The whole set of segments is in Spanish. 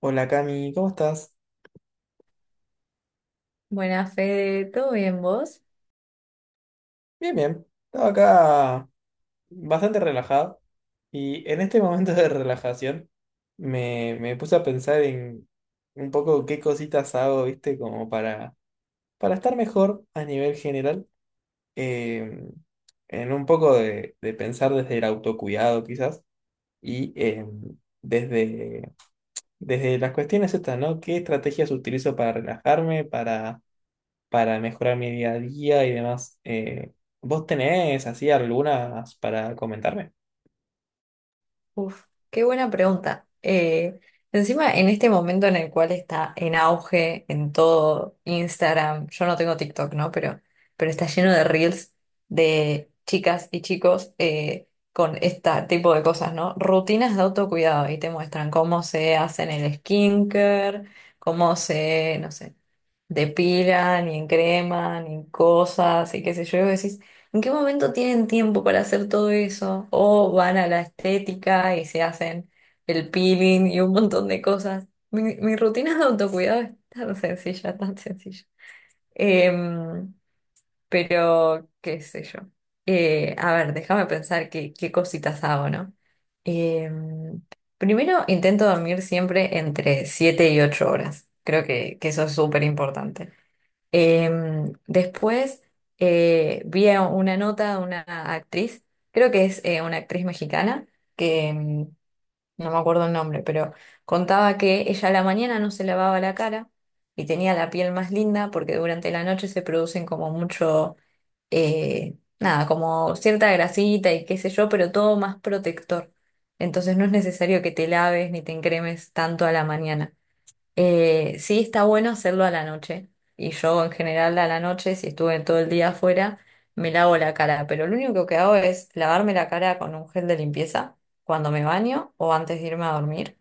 Hola Cami, ¿cómo estás? Buenas, Fede, ¿todo bien vos? Bien, bien. Estaba acá bastante relajado y en este momento de relajación me puse a pensar en un poco qué cositas hago, ¿viste? Como para estar mejor a nivel general, eh, en un poco de pensar desde el autocuidado quizás y desde, desde las cuestiones estas, ¿no? ¿Qué estrategias utilizo para relajarme, para mejorar mi día a día y demás? ¿Vos tenés así algunas para comentarme? Uf, qué buena pregunta. Encima, en este momento en el cual está en auge en todo Instagram, yo no tengo TikTok, ¿no? Pero está lleno de reels de chicas y chicos con este tipo de cosas, ¿no? Rutinas de autocuidado y te muestran cómo se hacen el skincare, cómo se, no sé. De pila, ni en crema, ni en cosas, y qué sé yo, y vos decís, ¿en qué momento tienen tiempo para hacer todo eso? O van a la estética y se hacen el peeling y un montón de cosas. Mi rutina de autocuidado es tan sencilla, tan sencilla. Em, pero, qué sé yo. A ver, déjame pensar qué cositas hago, ¿no? Em, Primero intento dormir siempre entre 7 y 8 horas. Creo que eso es súper importante. Después vi a una nota de una actriz, creo que es una actriz mexicana, que no me acuerdo el nombre, pero contaba que ella a la mañana no se lavaba la cara y tenía la piel más linda porque durante la noche se producen como mucho, nada, como cierta grasita y qué sé yo, pero todo más protector. Entonces no es necesario que te laves ni te encremes tanto a la mañana. Sí, está bueno hacerlo a la noche. Y yo en general a la noche, si estuve todo el día afuera, me lavo la cara. Pero lo único que hago es lavarme la cara con un gel de limpieza cuando me baño o antes de irme a dormir.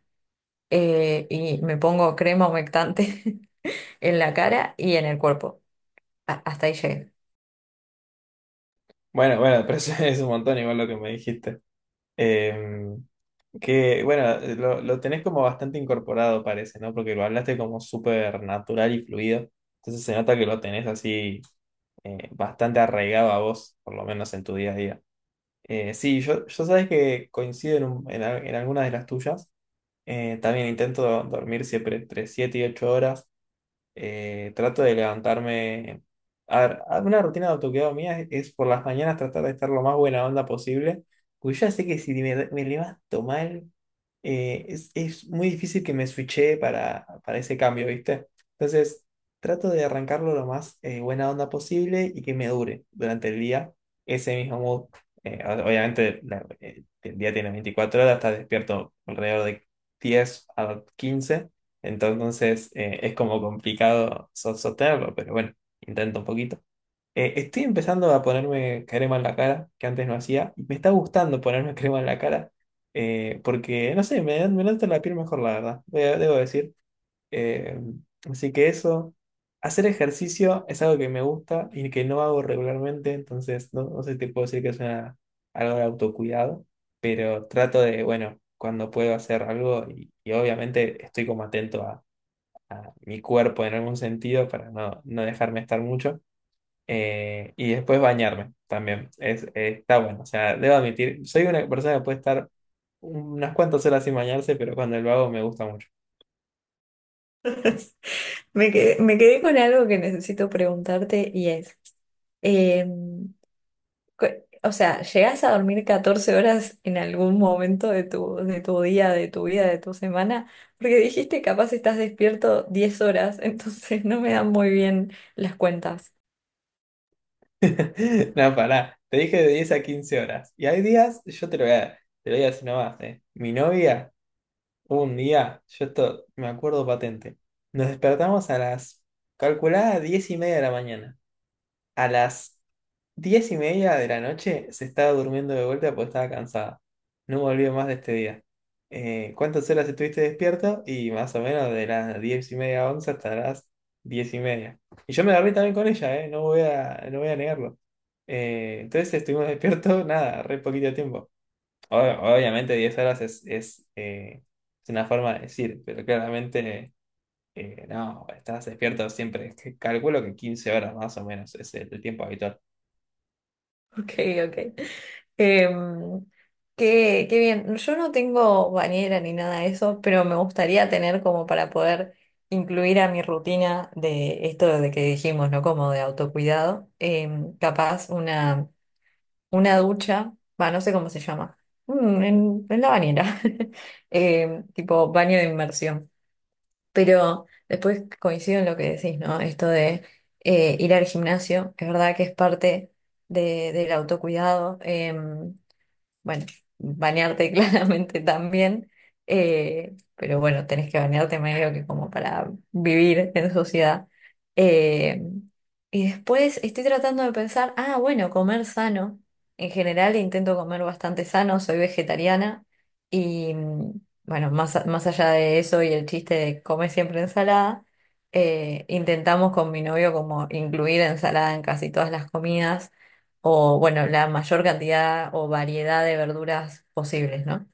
Y me pongo crema humectante en la cara y en el cuerpo. A- hasta ahí llegué. Bueno, bueno, pero eso es un montón igual lo que me dijiste. Eh, que bueno, lo tenés como bastante incorporado, parece, ¿no? Porque lo hablaste como súper natural y fluido. Entonces se nota que lo tenés así, bastante arraigado a vos, por lo menos en tu día a día. Sí, yo sabes que coincido en, un- en al- en algunas de las tuyas. También intento dormir siempre entre 7 y 8 horas. Trato de levantarme. A ver, una rutina de autocuidado mía es por las mañanas tratar de estar lo más buena onda posible. Porque yo ya sé que si me levanto mal, es muy difícil que me switche para ese cambio, ¿viste? Entonces, trato de arrancarlo lo más, buena onda posible, y que me dure durante el día ese mismo mood. Obviamente, el día tiene 24 horas, estás despierto alrededor de 10 a 15, entonces es como complicado sostenerlo, pero bueno, intento un poquito. Estoy empezando a ponerme crema en la cara, que antes no hacía, y me está gustando ponerme crema en la cara, porque, no sé, me nota la piel mejor, la verdad, debo decir. Eh, Así que eso, hacer ejercicio es algo que me gusta y que no hago regularmente, entonces no sé si te puedo decir que es algo de autocuidado, pero trato de, bueno, cuando puedo, hacer algo. Y y, obviamente estoy como atento a mi cuerpo en algún sentido para no dejarme estar mucho. Y después bañarme también. Está bueno. O sea, debo admitir, soy una persona que puede estar unas cuantas horas sin bañarse, pero cuando lo hago me gusta mucho. Me quedé con algo que necesito preguntarte y em, cu- o sea, ¿llegás a dormir 14 horas en algún momento de tu día, de tu vida, de tu semana? Porque dijiste capaz estás despierto 10 horas, entonces no me dan muy bien las cuentas. No, pará. Te dije de 10 a 15 horas. Y hay días, yo te lo voy a, te lo voy a decir nomás. Mi novia, hubo un día, yo esto me acuerdo patente. Nos despertamos a las, calculada, 10:30 de la mañana. A las diez y media de la noche se estaba durmiendo de vuelta porque estaba cansada. No volvió más de este día. ¿Cuántas horas estuviste despierto? Y más o menos de las 10:30 a 11:00 hasta las 10:30. Y yo me agarré también con ella, ¿eh? No voy a negarlo. Entonces estuvimos despiertos, nada, re poquito tiempo. Obviamente, 10 horas es una forma de decir, pero claramente, no, estás despierto siempre. Calculo que 15 horas más o menos es el tiempo habitual. Ok, ok. Em, Qué, qué bien. Yo no tengo bañera ni nada de eso, pero me gustaría tener como para poder incluir a mi rutina de esto de que dijimos, ¿no? Como de autocuidado. Capaz una ducha, va, no sé cómo se llama, mm, en la bañera, tipo baño de inmersión. Pero después coincido en lo que decís, ¿no? Esto de ir al gimnasio, es verdad que es parte del autocuidado. Bueno, bañarte claramente también, pero bueno, tenés que bañarte medio que como para vivir en sociedad. Eh, y después estoy tratando de pensar, ah, bueno, comer sano. En general intento comer bastante sano, soy vegetariana y mm, bueno, más, más allá de eso y el chiste de comer siempre ensalada, intentamos con mi novio como incluir ensalada en casi todas las comidas o bueno, la mayor cantidad o variedad de verduras posibles, ¿no?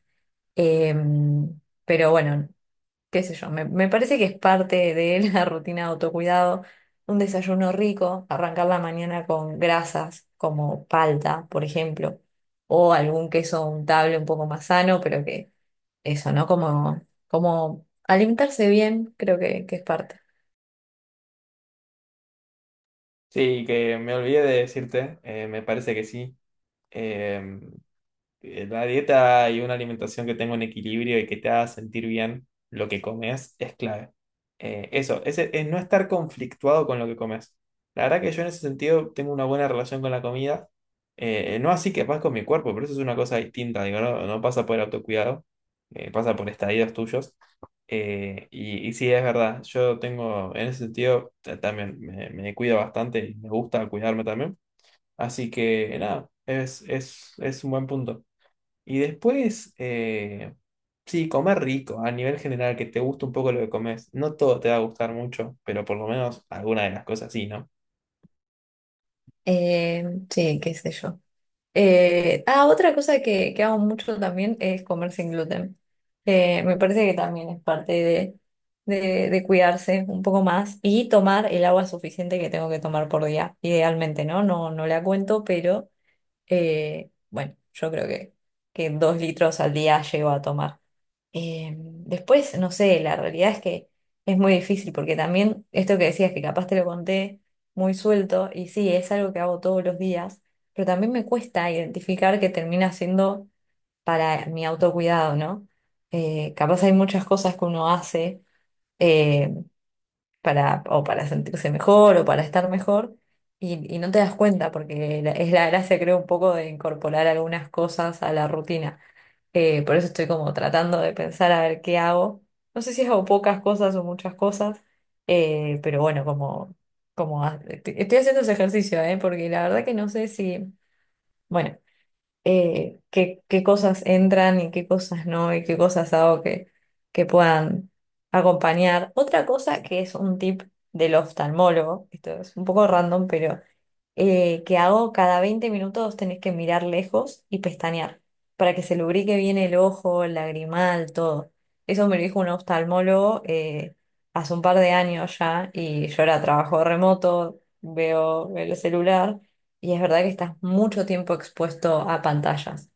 Em, pero bueno, qué sé yo, me parece que es parte de la rutina de autocuidado, un desayuno rico, arrancar la mañana con grasas como palta, por ejemplo, o algún queso untable un poco más sano, pero que eso, ¿no? Como, como alimentarse bien, creo que es parte. Sí, que me olvidé de decirte, me parece que sí. Eh, Una dieta y una alimentación que tenga un equilibrio y que te haga sentir bien lo que comes es clave. Eso es no estar conflictuado con lo que comes. La verdad que yo en ese sentido tengo una buena relación con la comida. No así que pasa con mi cuerpo, pero eso es una cosa distinta. Digo, no pasa por el autocuidado, pasa por estadios tuyos. Y, sí, es verdad. Yo tengo, en ese sentido, también me cuido bastante y me gusta cuidarme también. Así que nada, es un buen punto. Y después, sí, comer rico, a nivel general, que te guste un poco lo que comes. No todo te va a gustar mucho, pero por lo menos alguna de las cosas sí, ¿no? Sí, qué sé yo. Ah, otra cosa que hago mucho también es comer sin gluten. Me parece que también es parte de cuidarse un poco más y tomar el agua suficiente que tengo que tomar por día, idealmente, ¿no? No, no la cuento, pero bueno, yo creo que 2 litros al día llego a tomar. Después, no sé, la realidad es que es muy difícil porque también esto que decías, que capaz te lo conté muy suelto, y sí, es algo que hago todos los días, pero también me cuesta identificar que termina siendo para mi autocuidado, ¿no? Capaz hay muchas cosas que uno hace. eh, para, o para sentirse mejor o para estar mejor y no te das cuenta porque es la gracia, creo, un poco de incorporar algunas cosas a la rutina. Por eso estoy como tratando de pensar a ver qué hago. No sé si hago pocas cosas o muchas cosas, pero bueno, como, estoy haciendo ese ejercicio, porque la verdad que no sé si, bueno qué, qué cosas entran y qué cosas no, y qué cosas hago que puedan acompañar. Otra cosa que es un tip del oftalmólogo, esto es un poco random, pero que hago cada 20 minutos tenés que mirar lejos y pestañear para que se lubrique bien el ojo, el lagrimal, todo. Eso me lo dijo un oftalmólogo hace un par de años ya y yo ahora trabajo remoto, veo el celular. Y es verdad que estás mucho tiempo expuesto a pantallas.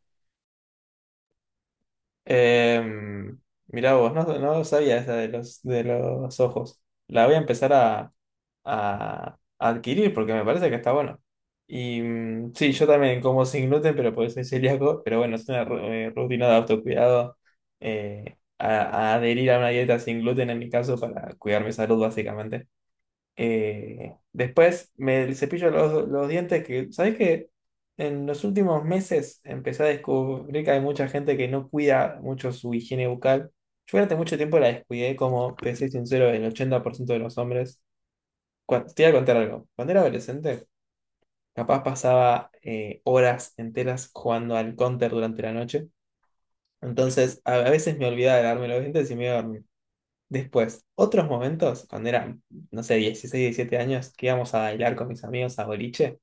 Em, Mirá vos, no sabía esa de los, ojos. La voy a empezar a adquirir porque me parece que está bueno. Y sí, yo también como sin gluten, pero porque soy celíaco. Pero bueno, es una rutina de autocuidado. A, adherir a una dieta sin gluten en mi caso para cuidar mi salud básicamente. Después me cepillo los dientes que, ¿sabés qué? En los últimos meses empecé a descubrir que hay mucha gente que no cuida mucho su higiene bucal. Yo durante mucho tiempo la descuidé, como te soy sincero, el 80% de los hombres. Te voy a contar algo. Cuando era adolescente, capaz pasaba, horas enteras jugando al counter durante la noche. Entonces, a veces me olvidaba de lavarme los dientes y me iba a dormir. Después, otros momentos, cuando eran, no sé, 16 17 años, que íbamos a bailar con mis amigos a boliche,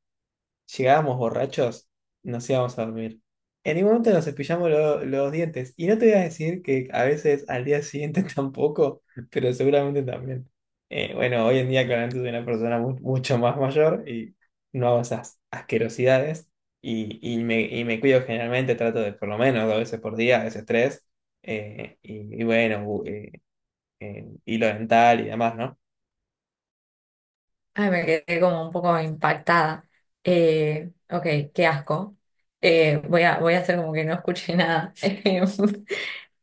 llegábamos borrachos, nos íbamos a dormir. En ningún momento nos cepillamos los dientes. Y no te voy a decir que a veces al día siguiente tampoco, pero seguramente también. Bueno, hoy en día claramente soy una persona mucho más mayor y no hago esas asquerosidades. Y me cuido generalmente, trato de por lo menos 2 veces por día, a veces tres. Y bueno, en hilo dental y demás, ¿no? Ay, me quedé como un poco impactada. Ok, qué asco. Voy a, voy a hacer como que no escuché nada. Em,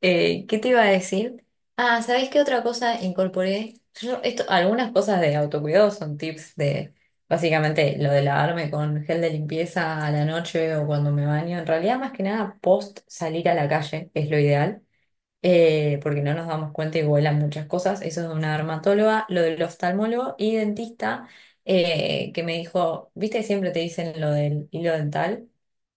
Eh, ¿Qué te iba a decir? Ah, ¿sabés qué otra cosa incorporé? Yo, esto, algunas cosas de autocuidado son tips de básicamente lo de lavarme con gel de limpieza a la noche o cuando me baño. En realidad, más que nada, post salir a la calle es lo ideal. Porque no nos damos cuenta y vuelan muchas cosas. Eso es de una dermatóloga, lo del oftalmólogo y dentista, que me dijo, viste, que siempre te dicen lo del hilo dental.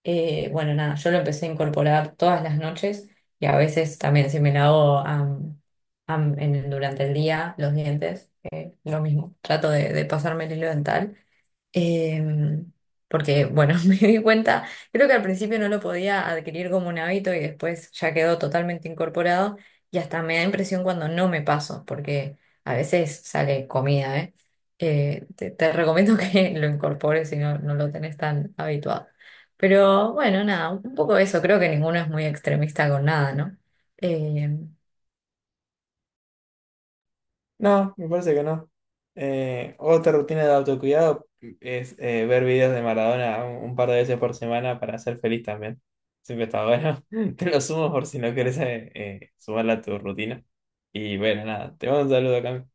Bueno, nada, yo lo empecé a incorporar todas las noches y a veces también si me lavo durante el día los dientes, lo mismo, trato de pasarme el hilo dental. Em, Porque, bueno, me di cuenta, creo que al principio no lo podía adquirir como un hábito y después ya quedó totalmente incorporado y hasta me da impresión cuando no me paso, porque a veces sale comida, ¿eh? Te recomiendo que lo incorpores si no, no lo tenés tan habituado. Pero bueno, nada, un poco eso, creo que ninguno es muy extremista con nada, ¿no? Em, No, me parece que no. Otra rutina de autocuidado es, ver videos de Maradona un par de veces por semana para ser feliz también. Siempre está bueno. Te lo sumo por si no quieres sumarla a tu rutina. Y bueno, nada, te mando un saludo, Cami.